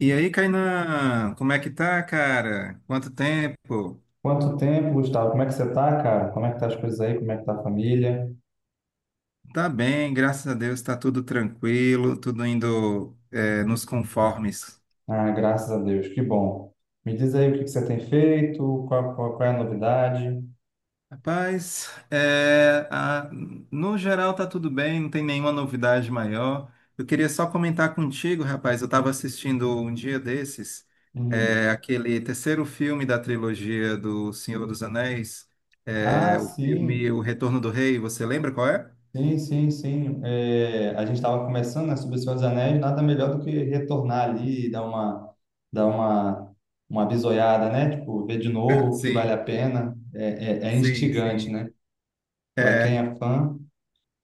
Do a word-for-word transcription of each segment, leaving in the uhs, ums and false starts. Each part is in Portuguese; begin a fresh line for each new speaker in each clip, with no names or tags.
E aí, Kainan, como é que tá, cara? Quanto tempo?
Quanto tempo, Gustavo? Como é que você tá, cara? Como é que tá as coisas aí? Como é que tá a família?
Tá bem, graças a Deus, tá tudo tranquilo, tudo indo é, nos conformes.
Ah, graças a Deus, que bom. Me diz aí o que que você tem feito, qual, qual, qual é a novidade?
Rapaz, é, a- no geral tá tudo bem, não tem nenhuma novidade maior. Eu queria só comentar contigo, rapaz, eu estava assistindo um dia desses, é,
Uhum.
aquele terceiro filme da trilogia do Senhor dos Anéis,
Ah,
é, o filme
sim,
O Retorno do Rei, você lembra qual é?
sim, sim, sim. É, a gente estava começando, né, sobre o Senhor dos Anéis, nada melhor do que retornar ali e dar uma, dar uma, uma bisoiada, né? Tipo, ver de novo o que vale a
Sim,
pena. É, é, é
sim,
instigante,
sim.
né? Para quem
É.
é fã.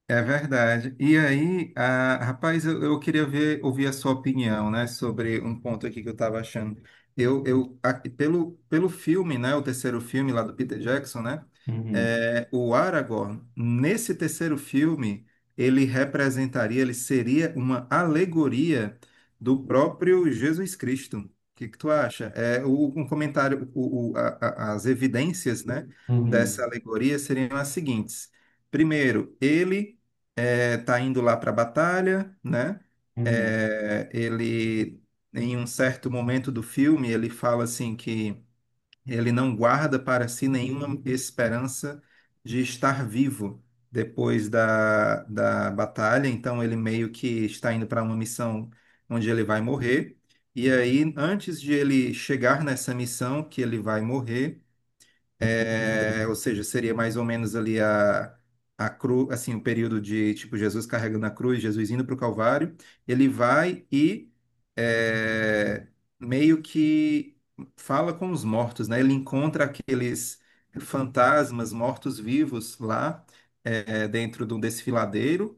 É verdade. E aí, ah, rapaz, eu, eu queria ver, ouvir a sua opinião, né, sobre um ponto aqui que eu estava achando. Eu, eu a- pelo, pelo filme, né, o terceiro filme lá do Peter Jackson, né,
Uhum.
é, o Aragorn, nesse terceiro filme, ele representaria, ele seria uma alegoria do próprio Jesus Cristo. O que que tu acha? É, o, um comentário, o, o- a- a- as evidências, né, dessa
Uhum.
alegoria seriam as seguintes. Primeiro, ele é, tá indo lá para a batalha, né?
Uhum.
É, ele, Em um certo momento do filme, ele fala assim que ele não guarda para si nenhuma esperança de estar vivo depois da, da batalha, então ele meio que está indo para uma missão onde ele vai morrer. E aí, antes de ele chegar nessa missão que ele vai morrer, é, ou seja, seria mais ou menos ali a, a cruz, assim, o período de, tipo, Jesus carregando a cruz, Jesus indo para o Calvário, ele vai e é, meio que fala com os mortos, né? Ele encontra aqueles fantasmas mortos-vivos lá é, dentro de um desfiladeiro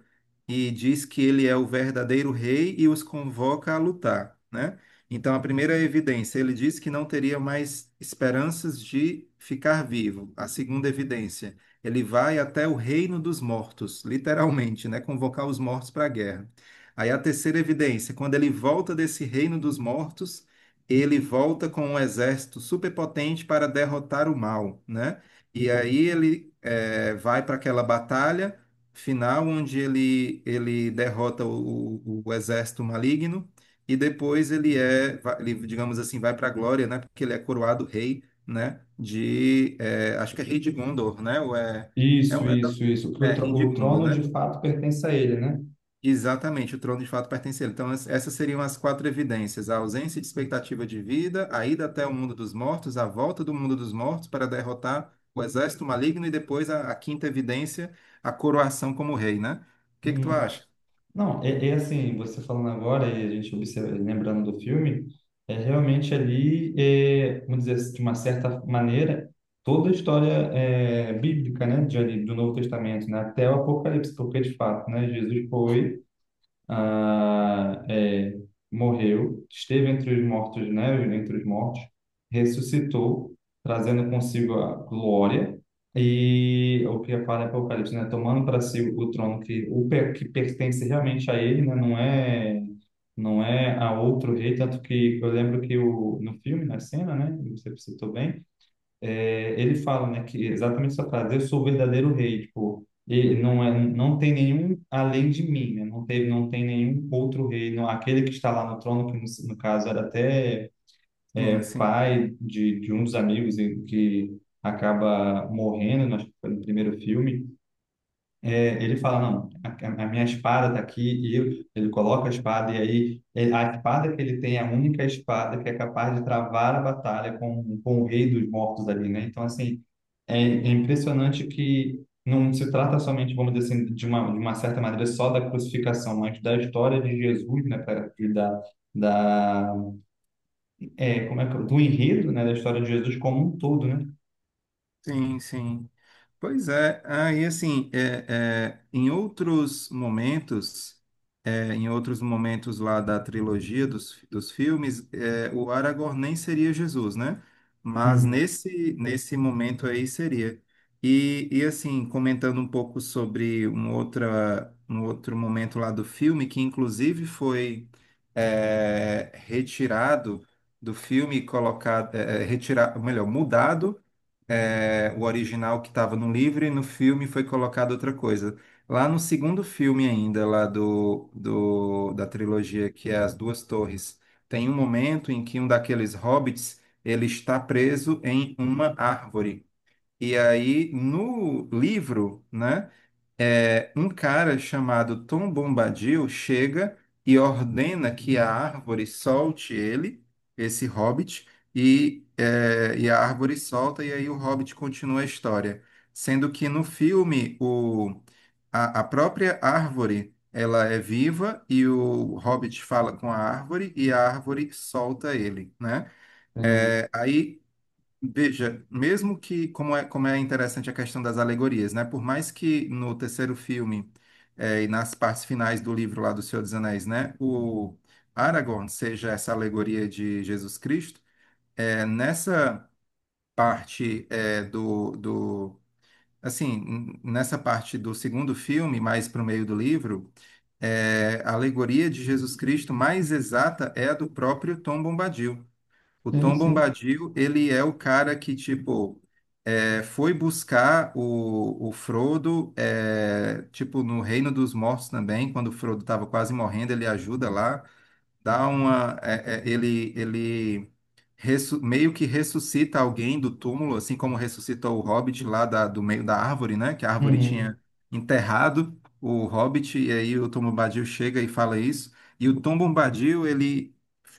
e diz que ele é o verdadeiro rei e os convoca a lutar, né? Então, a primeira evidência, ele disse que não teria mais esperanças de ficar vivo. A segunda evidência, ele vai até o reino dos mortos, literalmente, né? Convocar os mortos para a guerra. Aí a terceira evidência, quando ele volta desse reino dos mortos, ele volta com um exército superpotente para derrotar o mal, né? E aí ele eh, vai para aquela batalha final onde ele, ele derrota o o- o exército maligno e depois ele é, va- ele, digamos assim, vai para a glória, né? Porque ele é coroado rei, né? De, é, acho que é rei de Gondor, né? Ou é, é,
Isso,
um- é,
isso, isso. Que o,
é,
tro-
rei de
o
Gondor,
trono de
né?
fato pertence a ele, né?
Exatamente, o trono de fato pertence a ele. Então, es- essas seriam as quatro evidências: a ausência de expectativa de vida, a ida até o mundo dos mortos, a volta do mundo dos mortos para derrotar o exército maligno e depois a, a quinta evidência, a coroação como rei, né? O que que tu
Não,
acha?
não é, é assim, você falando agora e a gente observa, lembrando do filme, é realmente ali, é, vamos dizer assim, de uma certa maneira, toda a história é, bíblica, né? De ali, do Novo Testamento, né? Até o Apocalipse, porque de fato, né? Jesus foi ah, é, morreu, esteve entre os mortos, né, entre os mortos, ressuscitou, trazendo consigo a glória e o que fala em Apocalipse, né, tomando para si o trono que o pe- que pertence realmente a ele, né, não é não é a outro rei, tanto que eu lembro que o, no filme, na cena, né, você citou bem, é, ele fala, né, que exatamente essa frase, eu sou o verdadeiro rei, tipo, ele não é, não tem nenhum além de mim, né? Não teve, não tem nenhum outro rei, não, aquele que está lá no trono, que no, no caso era até
Sim, sim,
pai de, de um dos amigos e que acaba morrendo, né, acho que foi no primeiro filme, ele fala, não, a, a minha espada está aqui, e eu- ele coloca a espada, e aí ele- a espada que ele tem é a única espada que é capaz de travar a batalha com, com o rei dos mortos ali, né? Então, assim, é, é impressionante que não se trata somente, vamos dizer assim, de uma, de uma certa maneira, só da crucificação, mas da história de Jesus, né? pra- Da, da, é, como é que, do enredo, né? Da história de Jesus como um todo, né?
sim, sim. Pois é, aí assim, é, é, em outros momentos, é, em outros momentos lá da trilogia dos, dos filmes, é, o Aragorn nem seria Jesus, né? Mas
Uhum.
nesse, nesse momento aí seria. E, e assim, comentando um pouco sobre um, outra, um outro momento lá do filme, que inclusive foi é, retirado do filme, colocado, é, retirado, melhor, mudado é, o original que estava no livro e no filme foi colocada outra coisa. Lá no segundo filme ainda, lá do, do- da trilogia, que é As Duas Torres, tem um momento em que um daqueles hobbits ele está preso em uma árvore. E aí, no livro, né, é, um cara chamado Tom Bombadil chega e ordena que a árvore solte ele, esse hobbit, e, é, e a árvore solta, e aí o hobbit continua a história. Sendo que no filme, o, a, a própria árvore ela é viva e o hobbit fala com a árvore e a árvore solta ele, né?
É,
É, aí, veja, mesmo que, como é, como é interessante a questão das alegorias, né? Por mais que no terceiro filme eh, e nas partes finais do livro lá do Senhor dos Anéis, né? O Aragorn seja essa alegoria de Jesus Cristo, eh, nessa parte eh, do, do... Assim, n- nessa parte do segundo filme, mais para o meio do livro, eh, a alegoria de Jesus Cristo mais exata é a do próprio Tom Bombadil. O
sim,
Tom
sim.
Bombadil, ele é o cara que, tipo, é, foi buscar o, o Frodo, é, tipo, no Reino dos Mortos também, quando o Frodo estava quase morrendo, ele ajuda lá, dá uma... é, é, ele, ele ressu- meio que ressuscita alguém do túmulo, assim como ressuscitou o Hobbit lá da- do meio da árvore, né? Que a árvore
Uhum.
tinha enterrado o Hobbit, e aí o Tom Bombadil chega e fala isso. E o Tom Bombadil, ele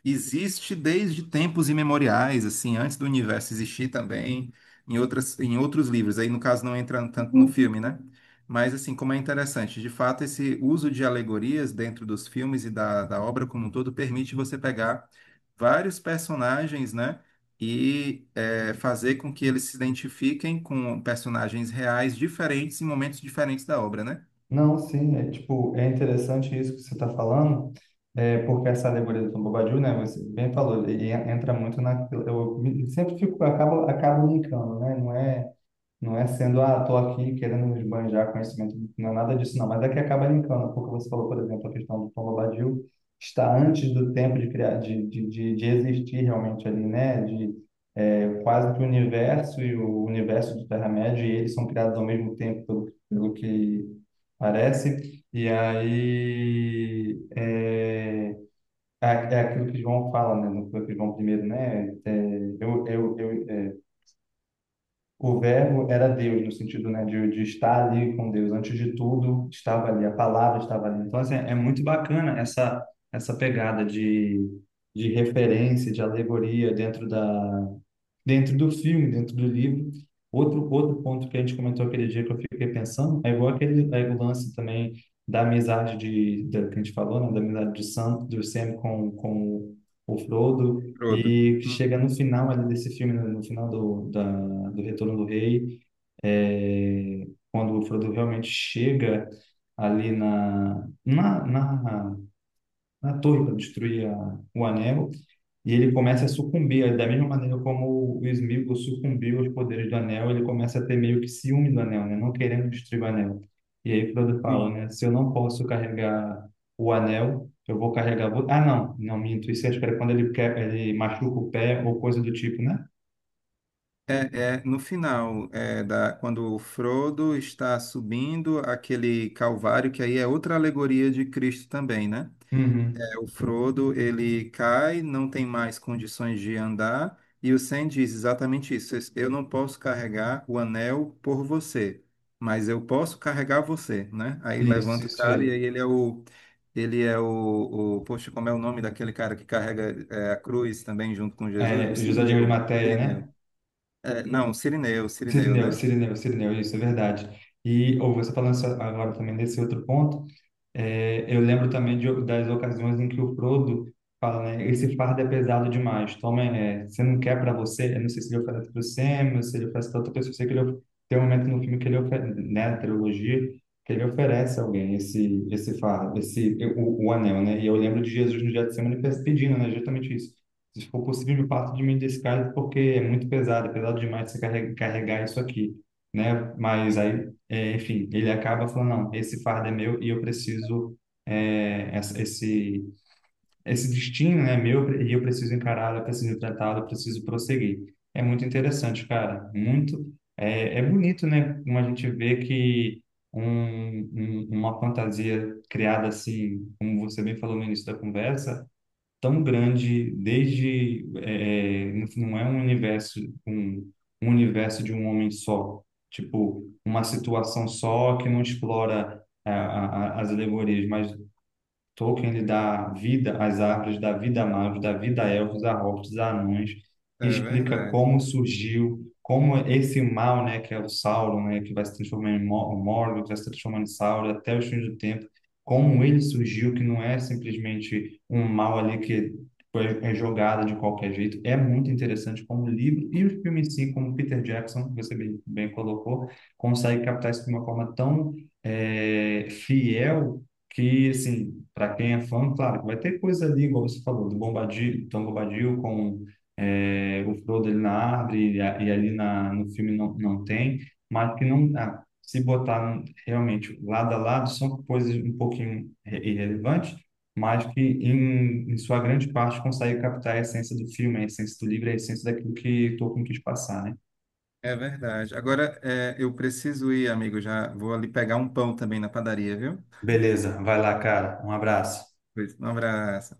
existe desde tempos imemoriais, assim, antes do universo existir também, em outras, em outros livros. Aí, no caso, não entra tanto no filme, né? Mas, assim, como é interessante, de fato, esse uso de alegorias dentro dos filmes e da, da obra como um todo permite você pegar vários personagens, né? E é, fazer com que eles se identifiquem com personagens reais diferentes em momentos diferentes da obra, né?
Não, sim, é tipo, é interessante isso que você está falando, é, porque essa alegoria do Tom Bobadil, né, você bem falou, ele en- entra muito na, eu me- sempre fico, acabo, acabo brincando, né, não é não é sendo, ah, tô aqui querendo me esbanjar conhecimento, não é nada disso, não. Mas é que acaba linkando, porque você falou, por exemplo, a questão do Tom Bombadil está antes do tempo de criar, de, de, de, de existir realmente ali, né? De é, quase que o universo e o universo de Terra-média, e eles são criados ao mesmo tempo, pelo, pelo que parece. E aí é, é, é aquilo que João fala, né? No que João primeiro, né? É, eu, eu, eu, é, o verbo era Deus, no sentido, né, de, de estar ali com Deus. Antes de tudo, estava ali, a palavra estava ali. Então, assim, é muito bacana essa, essa pegada de, de referência, de alegoria dentro da, dentro do filme, dentro do livro. Outro, outro ponto que a gente comentou aquele dia que eu fiquei pensando é igual aquele é o lance também da amizade de, da, que a gente falou, né? Da amizade de Sam, do Sam com, com o Frodo,
Frodo.
e que
Uhum.
chega no final ali desse filme, no no final do, da, do Retorno do Rei, é, quando o Frodo realmente chega ali na, na, na, na torre para destruir a, o anel, e ele começa a sucumbir, da mesma maneira como o Sméagol sucumbiu aos poderes do Anel, ele começa a ter meio que ciúme do Anel, né? Não querendo destruir o Anel. E aí Frodo fala,
Sim.
né? Se eu não posso carregar o Anel, eu vou carregar... vo- Ah, não, não, minto. Isso acho que era quando ele, quer, ele machuca o pé ou coisa do tipo, né?
É, é, no final, é, da, quando o Frodo está subindo aquele calvário, que aí é outra alegoria de Cristo também, né?
Uhum.
O Frodo, ele cai, não tem mais condições de andar, e o Sam diz exatamente isso: eu não posso carregar o anel por você, mas eu posso carregar você, né? Aí
Isso,
levanta o
isso
cara e aí
aí.
ele é o ele é o, o poxa, como é o nome daquele cara que carrega é, a cruz também junto com Jesus? O
É, José de
Cirineu.
Arimateia,
Cirineu.
né?
É, não, Cirineu, Cirineu,
Cirineu,
né?
Cirineu, Cirineu, isso é verdade. E ou você falando só agora também nesse outro ponto, é, eu lembro também de, das ocasiões em que o Frodo fala, né, esse fardo é pesado demais. Toma, é, você não quer para você. Eu não sei se ele oferece para o Sam, ou se ele oferece para outra pessoa. Eu sei que ele, of- tem um momento no filme que ele oferece, né, na trilogia, que ele oferece a alguém esse esse fardo, esse o, o anel, né? E eu lembro de Jesus no Getsemane pedindo, né, justamente isso. Se for possível, me parta de mim desse cálice, porque é muito pesado, é pesado demais você carre- carregar isso aqui, né? Mas
Sim,
aí é, enfim, ele acaba falando, não, esse fardo é meu e eu preciso, é, essa- esse, esse destino é meu e eu preciso encará-lo, eu preciso tratá-lo, eu preciso prosseguir. É muito interessante, cara, muito, é, é bonito, né, como a gente vê que um, um, uma fantasia criada assim, como você bem falou no início da conversa, tão grande, desde é, é, não não é um universo um, um universo de um homem só, tipo uma situação só que não explora a, a, a- as alegorias, mas Tolkien lhe dá vida às árvores, dá vida a magos, dá vida a elfos, a hobbits, a anões,
é
explica
verdade.
como surgiu, como esse mal, né, que é o Sauron, né, que vai se transformar em Mo- Morgoth, que vai se transformar em Sauron até os fins do tempo, como ele surgiu, que não é simplesmente um mal ali que foi- é jogado de qualquer jeito. É muito interessante como o livro e o filme em si, como Peter Jackson, que você bem, bem colocou, consegue captar isso de uma forma tão eh, fiel que, assim, para quem é fã, claro, vai ter coisa ali, igual você falou, do Bombadil, Tom Bombadil com é, o Frodo ali na árvore e, a- e ali na, no filme não, não tem, mas que não, ah, se botar realmente lado a lado, são coisas um pouquinho irre- irrelevantes, mas que em, em sua grande parte consegue captar a essência do filme, a essência do livro, a essência daquilo que Tolkien quis passar, né?
É verdade. Agora, é, eu preciso ir, amigo, já vou ali pegar um pão também na padaria, viu?
Beleza, vai lá, cara. Um abraço.
Pois. Um abraço.